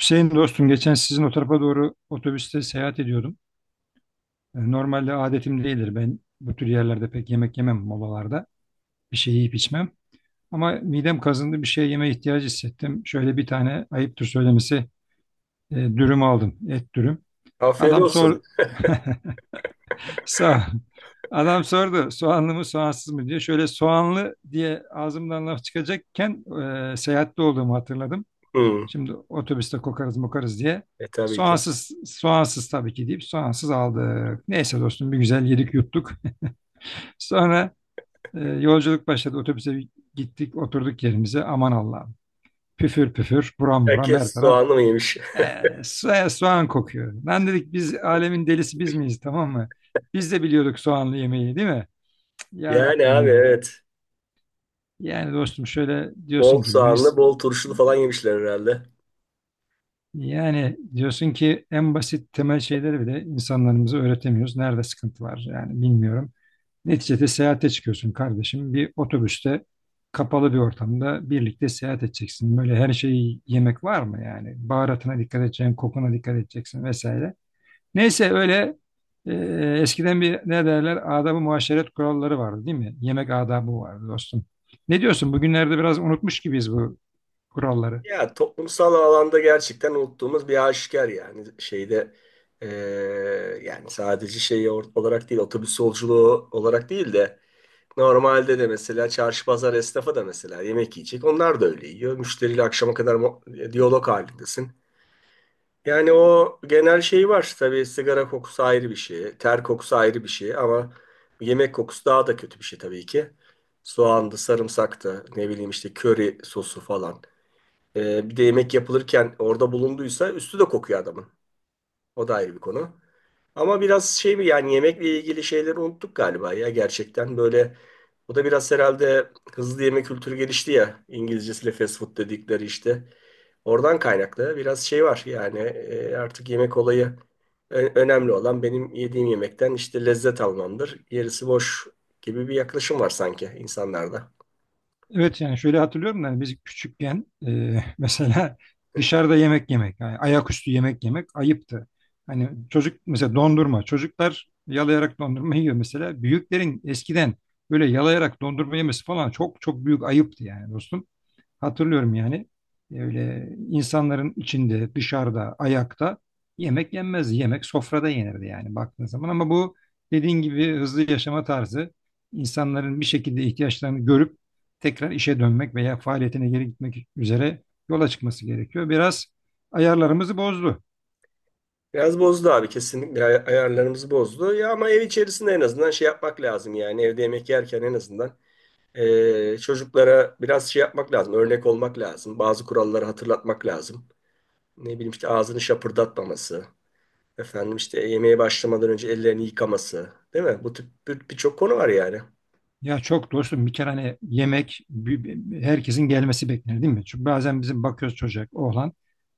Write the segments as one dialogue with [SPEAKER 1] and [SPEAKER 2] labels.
[SPEAKER 1] Hüseyin dostum geçen sizin o tarafa doğru otobüste seyahat ediyordum. Normalde adetim değildir. Ben bu tür yerlerde pek yemek yemem molalarda. Bir şey yiyip içmem. Ama midem kazındı bir şey yeme ihtiyacı hissettim. Şöyle bir tane ayıptır söylemesi dürüm aldım. Et dürüm.
[SPEAKER 2] Afiyet
[SPEAKER 1] Adam
[SPEAKER 2] olsun.
[SPEAKER 1] sor sağ Adam sordu soğanlı mı soğansız mı diye. Şöyle soğanlı diye ağzımdan laf çıkacakken seyahatte olduğumu hatırladım.
[SPEAKER 2] Hmm.
[SPEAKER 1] Şimdi otobüste kokarız mokarız diye.
[SPEAKER 2] E tabii ki.
[SPEAKER 1] Soğansız, soğansız tabii ki deyip soğansız aldık. Neyse dostum bir güzel yedik yuttuk. Sonra yolculuk başladı. Otobüse bir gittik oturduk yerimize. Aman Allah'ım. Püfür püfür buram buram her
[SPEAKER 2] Herkes
[SPEAKER 1] taraf.
[SPEAKER 2] soğanlı mı yemiş?
[SPEAKER 1] E, soğan kokuyor. Lan dedik biz alemin delisi biz miyiz, tamam mı? Biz de biliyorduk soğanlı yemeği, değil mi? Cık, ya
[SPEAKER 2] Yani
[SPEAKER 1] Rabbim
[SPEAKER 2] abi,
[SPEAKER 1] ya.
[SPEAKER 2] evet.
[SPEAKER 1] Yani dostum şöyle
[SPEAKER 2] Bol
[SPEAKER 1] diyorsun ki bu,
[SPEAKER 2] soğanlı, bol turşulu falan yemişler herhalde.
[SPEAKER 1] yani diyorsun ki en basit temel şeyleri bile insanlarımıza öğretemiyoruz. Nerede sıkıntı var yani, bilmiyorum. Neticede seyahate çıkıyorsun kardeşim. Bir otobüste kapalı bir ortamda birlikte seyahat edeceksin. Böyle her şeyi yemek var mı yani? Baharatına dikkat edeceksin, kokuna dikkat edeceksin vesaire. Neyse öyle e, eskiden bir ne derler adab-ı muaşeret kuralları vardı, değil mi? Yemek adabı vardı dostum. Ne diyorsun? Bugünlerde biraz unutmuş gibiyiz bu kuralları.
[SPEAKER 2] Ya toplumsal alanda gerçekten unuttuğumuz bir aşikar yani. Şeyde eee, yani sadece şey olarak değil, otobüs yolculuğu olarak değil de normalde de mesela çarşı pazar esnafı da mesela yemek yiyecek. Onlar da öyle yiyor. Müşteriyle akşama kadar diyalog halindesin. Yani o genel şey var. Tabii sigara kokusu ayrı bir şey. Ter kokusu ayrı bir şey ama yemek kokusu daha da kötü bir şey tabii ki. Soğandı, sarımsaktı, ne bileyim işte köri sosu falan. Bir de yemek yapılırken orada bulunduysa üstü de kokuyor adamın. O da ayrı bir konu. Ama biraz şey bir yani yemekle ilgili şeyleri unuttuk galiba ya, gerçekten böyle o da biraz herhalde hızlı yeme kültürü gelişti ya, İngilizcesiyle fast food dedikleri işte. Oradan kaynaklı biraz şey var yani, artık yemek olayı önemli olan benim yediğim yemekten işte lezzet almamdır. Gerisi boş gibi bir yaklaşım var sanki insanlarda.
[SPEAKER 1] Evet, yani şöyle hatırlıyorum da hani biz küçükken mesela dışarıda yemek yemek, yani ayaküstü yemek yemek ayıptı. Hani çocuk mesela dondurma, çocuklar yalayarak dondurma yiyor mesela. Büyüklerin eskiden böyle yalayarak dondurma yemesi falan çok çok büyük ayıptı yani dostum. Hatırlıyorum yani. Öyle insanların içinde, dışarıda, ayakta yemek yenmez. Yemek sofrada yenirdi yani baktığın zaman. Ama bu dediğin gibi hızlı yaşama tarzı insanların bir şekilde ihtiyaçlarını görüp tekrar işe dönmek veya faaliyetine geri gitmek üzere yola çıkması gerekiyor. Biraz ayarlarımızı bozdu.
[SPEAKER 2] Biraz bozdu abi, kesinlikle ayarlarımızı bozdu. Ya ama ev içerisinde en azından şey yapmak lazım, yani evde yemek yerken en azından çocuklara biraz şey yapmak lazım, örnek olmak lazım. Bazı kuralları hatırlatmak lazım. Ne bileyim işte ağzını şapırdatmaması, efendim işte yemeğe başlamadan önce ellerini yıkaması, değil mi? Bu tip birçok konu var yani.
[SPEAKER 1] Ya çok dostum, bir kere hani yemek herkesin gelmesi beklenir değil mi? Çünkü bazen bizim bakıyoruz çocuk oğlan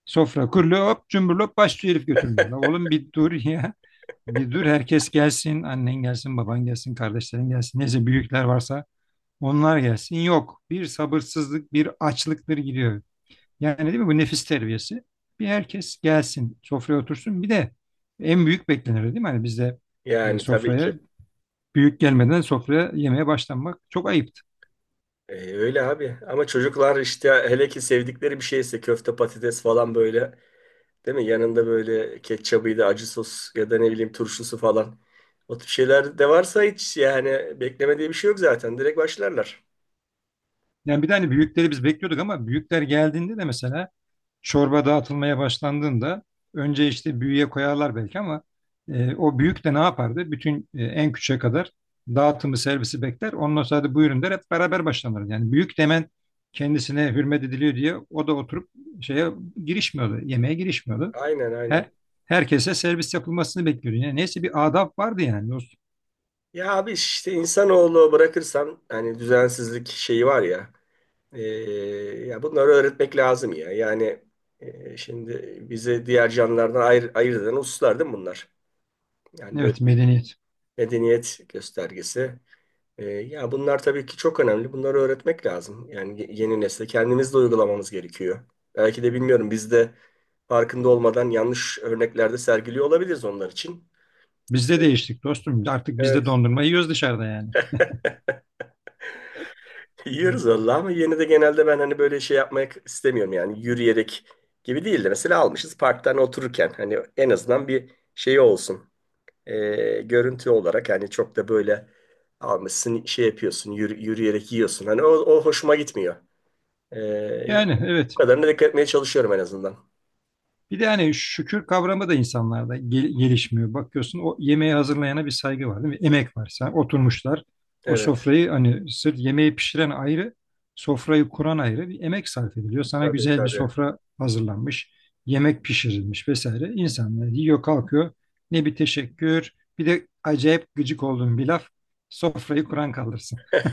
[SPEAKER 1] sofra kuruluyor hop cumburlop başlıyor herif götürmeye. La oğlum bir dur ya, bir dur, herkes gelsin, annen gelsin, baban gelsin, kardeşlerin gelsin, neyse büyükler varsa onlar gelsin. Yok bir sabırsızlık bir açlıktır gidiyor. Yani değil mi bu nefis terbiyesi, bir herkes gelsin sofraya otursun, bir de en büyük beklenir değil mi? Hani bizde
[SPEAKER 2] Yani tabii
[SPEAKER 1] sofraya
[SPEAKER 2] ki.
[SPEAKER 1] büyük gelmeden sofraya yemeye başlanmak çok ayıp.
[SPEAKER 2] Öyle abi. Ama çocuklar işte hele ki sevdikleri bir şeyse köfte patates falan böyle, değil mi? Yanında böyle ketçabıydı, acı sos ya da ne bileyim turşusu falan. O tip şeyler de varsa hiç yani bekleme diye bir şey yok zaten. Direkt başlarlar.
[SPEAKER 1] Yani bir de hani büyükleri biz bekliyorduk ama büyükler geldiğinde de mesela çorba dağıtılmaya başlandığında önce işte büyüğe koyarlar belki ama o büyük de ne yapardı? Bütün en küçüğe kadar dağıtımı servisi bekler. Ondan sonra da buyurun der, hep beraber başlanır. Yani büyük demen kendisine hürmet ediliyor diye o da oturup şeye girişmiyordu. Yemeğe girişmiyordu.
[SPEAKER 2] Aynen, aynen.
[SPEAKER 1] Her, herkese servis yapılmasını bekliyordu. Yani neyse bir adab vardı yani dostum.
[SPEAKER 2] Ya abi işte insanoğlu bırakırsan hani düzensizlik şeyi var ya, e, ya bunları öğretmek lazım ya. Yani şimdi bizi diğer canlılardan ayırt eden hususlar değil mi bunlar? Yani
[SPEAKER 1] Evet,
[SPEAKER 2] böyle bir
[SPEAKER 1] medeniyet.
[SPEAKER 2] medeniyet göstergesi. E, ya bunlar tabii ki çok önemli. Bunları öğretmek lazım. Yani yeni nesle kendimiz de uygulamamız gerekiyor. Belki de bilmiyorum biz de farkında olmadan yanlış örneklerde sergiliyor olabiliriz onlar için.
[SPEAKER 1] Bizde değiştik dostum. Artık biz de
[SPEAKER 2] Evet.
[SPEAKER 1] dondurma yiyoruz dışarıda yani.
[SPEAKER 2] Yiyoruz valla ama yine de genelde ben hani böyle şey yapmak istemiyorum, yani yürüyerek gibi değil de mesela almışız parktan otururken hani en azından bir şey olsun. Görüntü olarak hani çok da böyle almışsın şey yapıyorsun yürüyerek yiyorsun, hani o, o hoşuma gitmiyor. Ee,
[SPEAKER 1] Yani
[SPEAKER 2] bu
[SPEAKER 1] evet.
[SPEAKER 2] kadarına dikkat etmeye çalışıyorum en azından.
[SPEAKER 1] Bir de hani şükür kavramı da insanlarda gelişmiyor. Bakıyorsun o yemeği hazırlayana bir saygı var değil mi? Emek var. Sen oturmuşlar. O
[SPEAKER 2] Evet,
[SPEAKER 1] sofrayı hani sırf yemeği pişiren ayrı, sofrayı kuran ayrı bir emek sarf ediliyor. Sana
[SPEAKER 2] tabii
[SPEAKER 1] güzel bir
[SPEAKER 2] tabii.
[SPEAKER 1] sofra hazırlanmış, yemek pişirilmiş vesaire. İnsanlar yiyor, kalkıyor. Ne bir teşekkür, bir de acayip gıcık olduğum bir laf. Sofrayı kuran kaldırsın.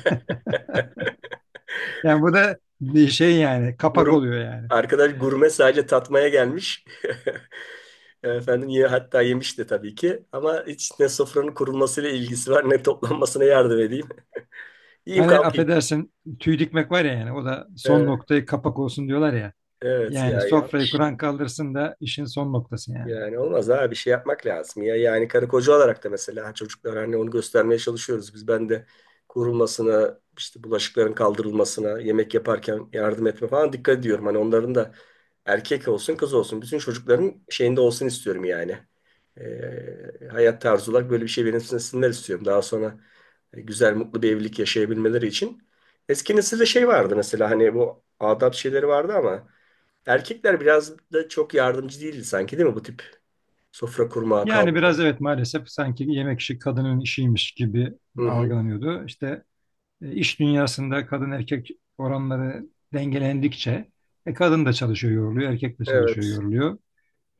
[SPEAKER 1] Yani bu da bir şey yani, kapak
[SPEAKER 2] Gurme,
[SPEAKER 1] oluyor yani.
[SPEAKER 2] arkadaş gurme sadece tatmaya gelmiş. Efendim ye, hatta yemişti tabii ki. Ama hiç ne sofranın kurulmasıyla ilgisi var ne toplanmasına yardım edeyim. Yiyeyim
[SPEAKER 1] Hani
[SPEAKER 2] kalkayım.
[SPEAKER 1] affedersin tüy dikmek var ya, yani o da son
[SPEAKER 2] Evet,
[SPEAKER 1] noktayı kapak olsun diyorlar ya.
[SPEAKER 2] evet
[SPEAKER 1] Yani
[SPEAKER 2] ya,
[SPEAKER 1] sofrayı
[SPEAKER 2] yanlış.
[SPEAKER 1] kuran kaldırsın da, işin son noktası yani.
[SPEAKER 2] Yani olmaz abi, bir şey yapmak lazım. Ya yani karı koca olarak da mesela çocuklara hani onu göstermeye çalışıyoruz. Ben de kurulmasına, işte bulaşıkların kaldırılmasına, yemek yaparken yardım etme falan dikkat ediyorum. Hani onların da erkek olsun kız olsun bütün çocukların şeyinde olsun istiyorum yani. Hayat tarzı olarak böyle bir şey benimsinler istiyorum. Daha sonra güzel mutlu bir evlilik yaşayabilmeleri için. Eski nesilde şey vardı mesela, hani bu adab şeyleri vardı ama erkekler biraz da çok yardımcı değildi sanki, değil mi? Bu tip sofra kurmağa,
[SPEAKER 1] Yani
[SPEAKER 2] kaldırma.
[SPEAKER 1] biraz evet, maalesef sanki yemek işi kadının işiymiş gibi
[SPEAKER 2] Hı hı.
[SPEAKER 1] algılanıyordu. İşte iş dünyasında kadın erkek oranları dengelendikçe kadın da çalışıyor yoruluyor, erkek de çalışıyor
[SPEAKER 2] Evet,
[SPEAKER 1] yoruluyor.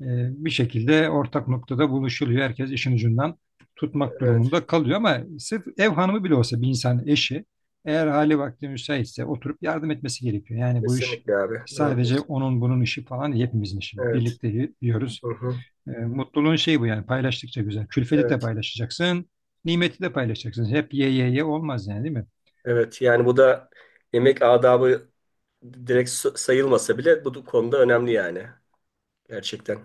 [SPEAKER 1] E, bir şekilde ortak noktada buluşuluyor. Herkes işin ucundan tutmak
[SPEAKER 2] evet.
[SPEAKER 1] durumunda kalıyor ama sırf ev hanımı bile olsa bir insan eşi eğer hali vakti müsaitse oturup yardım etmesi gerekiyor. Yani bu iş
[SPEAKER 2] Kesinlikle abi. Doğru
[SPEAKER 1] sadece
[SPEAKER 2] diyorsun.
[SPEAKER 1] onun bunun işi falan değil, hepimizin işi.
[SPEAKER 2] Evet.
[SPEAKER 1] Birlikte yiyoruz.
[SPEAKER 2] Hı hı.
[SPEAKER 1] Mutluluğun şeyi bu yani, paylaştıkça güzel. Külfeti de
[SPEAKER 2] Evet.
[SPEAKER 1] paylaşacaksın, nimeti de paylaşacaksın. Hep ye ye ye olmaz yani değil mi?
[SPEAKER 2] Evet. Yani bu da yemek adabı direkt sayılmasa bile bu konuda önemli yani. Gerçekten.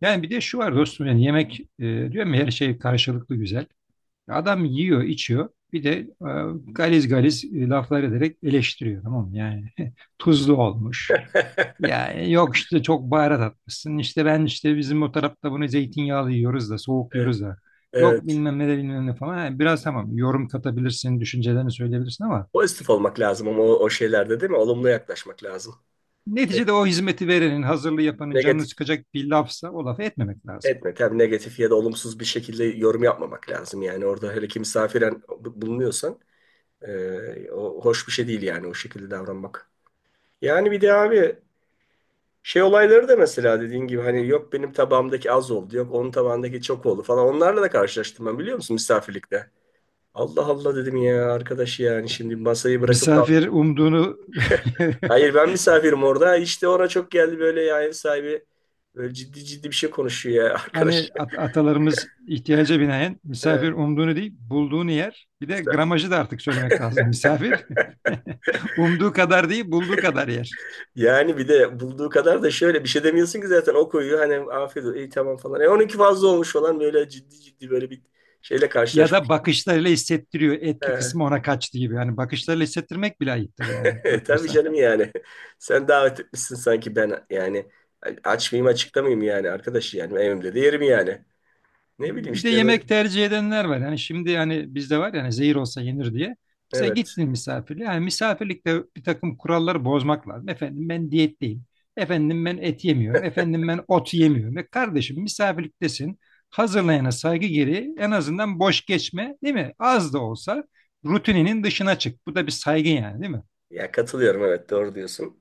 [SPEAKER 1] Yani bir de şu var dostum, yani yemek diyorum ya her şey karşılıklı güzel. Adam yiyor, içiyor. Bir de galiz galiz laflar ederek eleştiriyor tamam mı? Yani tuzlu olmuş. Ya yok işte çok baharat atmışsın. İşte ben işte bizim o tarafta bunu zeytinyağlı yiyoruz da soğuk
[SPEAKER 2] Evet.
[SPEAKER 1] yiyoruz da. Yok
[SPEAKER 2] Evet.
[SPEAKER 1] bilmem ne de bilmem ne falan. Ha, biraz tamam yorum katabilirsin, düşüncelerini söyleyebilirsin ama
[SPEAKER 2] Pozitif olmak lazım ama o, o şeylerde değil mi? Olumlu yaklaşmak lazım. Ne-
[SPEAKER 1] neticede o hizmeti verenin, hazırlığı yapanın canını
[SPEAKER 2] Negatif
[SPEAKER 1] sıkacak bir lafsa o lafı etmemek lazım.
[SPEAKER 2] etme. Tabii negatif ya da olumsuz bir şekilde yorum yapmamak lazım. Yani orada hele ki misafiren bulunuyorsan o hoş bir şey değil yani o şekilde davranmak. Yani bir de abi şey olayları da mesela dediğin gibi hani yok benim tabağımdaki az oldu, yok onun tabağındaki çok oldu falan. Onlarla da karşılaştım ben, biliyor musun, misafirlikte. Allah Allah dedim ya arkadaş, yani şimdi masayı bırakıp kal.
[SPEAKER 1] Misafir umduğunu
[SPEAKER 2] Hayır, ben misafirim orada. İşte ona çok geldi böyle ya, ev sahibi böyle ciddi ciddi bir şey konuşuyor ya,
[SPEAKER 1] Hani
[SPEAKER 2] arkadaş.
[SPEAKER 1] atalarımız ihtiyaca binaen
[SPEAKER 2] Evet.
[SPEAKER 1] misafir umduğunu değil bulduğunu yer. Bir de gramajı da artık söylemek lazım. Misafir umduğu kadar değil bulduğu kadar yer.
[SPEAKER 2] Yani bir de bulduğu kadar da şöyle bir şey demiyorsun ki zaten, o koyuyor hani afiyet olsun iyi tamam falan. 12 fazla olmuş falan, böyle ciddi ciddi böyle bir şeyle
[SPEAKER 1] Ya da
[SPEAKER 2] karşılaşmış.
[SPEAKER 1] bakışlarıyla hissettiriyor. Etli kısmı ona kaçtı gibi. Yani bakışlarıyla hissettirmek bile ayıptır yani
[SPEAKER 2] Tabii
[SPEAKER 1] bakarsan.
[SPEAKER 2] canım yani. Sen davet etmişsin sanki ben yani, aç mıyım açıkta mıyım yani arkadaş, yani evimde de yerim yani. Ne bileyim
[SPEAKER 1] Bir de
[SPEAKER 2] işte, böyle.
[SPEAKER 1] yemek tercih edenler var. Yani şimdi yani bizde var yani, zehir olsa yenir diye. Mesela
[SPEAKER 2] Evet.
[SPEAKER 1] gittin misafirliğe. Yani misafirlikte bir takım kuralları bozmak lazım. Efendim ben diyetteyim. Efendim ben et yemiyorum. Efendim ben ot yemiyorum. Ve kardeşim misafirliktesin. Hazırlayana saygı gereği en azından boş geçme değil mi? Az da olsa rutininin dışına çık. Bu da bir saygı yani değil mi?
[SPEAKER 2] Ya katılıyorum, evet doğru diyorsun.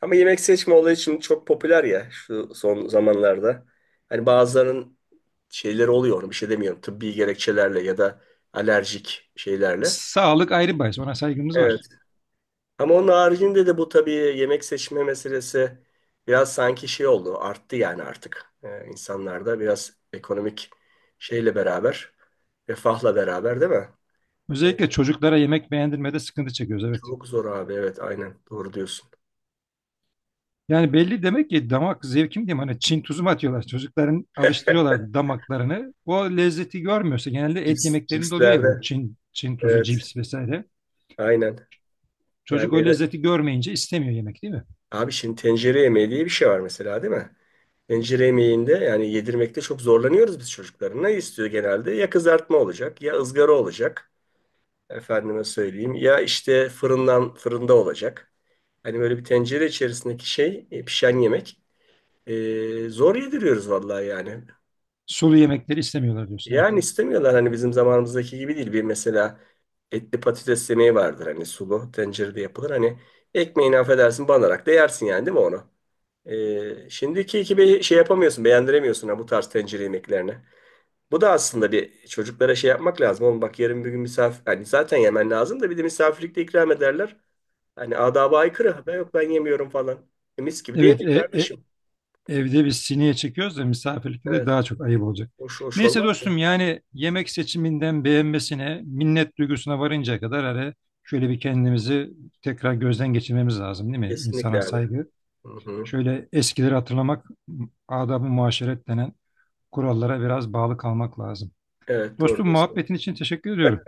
[SPEAKER 2] Ama yemek seçme olayı şimdi çok popüler ya şu son zamanlarda. Hani bazılarının şeyleri oluyor, onu bir şey demiyorum. Tıbbi gerekçelerle ya da alerjik şeylerle.
[SPEAKER 1] Sağlık ayrı bahis. Ona saygımız
[SPEAKER 2] Evet.
[SPEAKER 1] var.
[SPEAKER 2] Ama onun haricinde de bu tabii yemek seçme meselesi biraz sanki şey oldu. Arttı yani artık. İnsanlarda biraz ekonomik şeyle beraber, refahla beraber, değil mi?
[SPEAKER 1] Özellikle
[SPEAKER 2] Evet,
[SPEAKER 1] çocuklara yemek beğendirmede sıkıntı çekiyoruz. Evet.
[SPEAKER 2] çok zor abi. Evet aynen. Doğru diyorsun.
[SPEAKER 1] Yani belli demek ki damak zevki mi diyeyim, hani Çin tuzu mu atıyorlar çocukların, alıştırıyorlar damaklarını, o lezzeti görmüyorsa genelde et
[SPEAKER 2] Cips,
[SPEAKER 1] yemeklerinde oluyor ya, bu
[SPEAKER 2] cipslerde.
[SPEAKER 1] Çin tuzu,
[SPEAKER 2] Evet.
[SPEAKER 1] cips vesaire
[SPEAKER 2] Aynen. Yani
[SPEAKER 1] çocuk o
[SPEAKER 2] de-
[SPEAKER 1] lezzeti görmeyince istemiyor yemek değil mi?
[SPEAKER 2] Abi şimdi tencere yemeği diye bir şey var mesela, değil mi? Tencere yemeğinde yani yedirmekte çok zorlanıyoruz biz çocukların. Ne istiyor genelde? Ya kızartma olacak ya ızgara olacak. Efendime söyleyeyim. Ya işte fırında olacak. Hani böyle bir tencere içerisindeki şey, pişen yemek. E, zor yediriyoruz vallahi yani.
[SPEAKER 1] Sulu yemekleri istemiyorlar diyorsun, evet.
[SPEAKER 2] Yani istemiyorlar, hani bizim zamanımızdaki gibi değil. Bir mesela etli patates yemeği vardır, hani sulu tencerede yapılır. Hani ekmeğini affedersin banarak da yersin yani, değil mi onu? E, şimdiki gibi şey yapamıyorsun beğendiremiyorsun ha bu tarz tencere yemeklerini. Bu da aslında bir çocuklara şey yapmak lazım. Oğlum bak yarın bir gün misafir... Hani zaten yemen lazım da bir de misafirlikte ikram ederler. Hani adaba aykırı. Ha, ben yok ben yemiyorum falan. E, mis gibi de
[SPEAKER 1] Evet
[SPEAKER 2] yemek
[SPEAKER 1] e, e,
[SPEAKER 2] kardeşim.
[SPEAKER 1] Evde biz sineye çekiyoruz da misafirlikte de
[SPEAKER 2] Evet.
[SPEAKER 1] daha çok ayıp olacak.
[SPEAKER 2] Hoş, hoş
[SPEAKER 1] Neyse
[SPEAKER 2] olmaz mı?
[SPEAKER 1] dostum yani yemek seçiminden beğenmesine, minnet duygusuna varıncaya kadar hele şöyle bir kendimizi tekrar gözden geçirmemiz lazım değil mi?
[SPEAKER 2] Kesinlikle
[SPEAKER 1] İnsana
[SPEAKER 2] abi.
[SPEAKER 1] saygı.
[SPEAKER 2] Hı hı.
[SPEAKER 1] Şöyle eskileri hatırlamak, adab-ı muaşeret denen kurallara biraz bağlı kalmak lazım.
[SPEAKER 2] Evet doğru
[SPEAKER 1] Dostum
[SPEAKER 2] diyorsun.
[SPEAKER 1] muhabbetin için teşekkür ediyorum.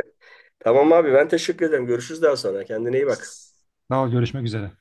[SPEAKER 2] Tamam abi, ben teşekkür ederim. Görüşürüz daha sonra. Kendine iyi bak.
[SPEAKER 1] Daha görüşmek üzere.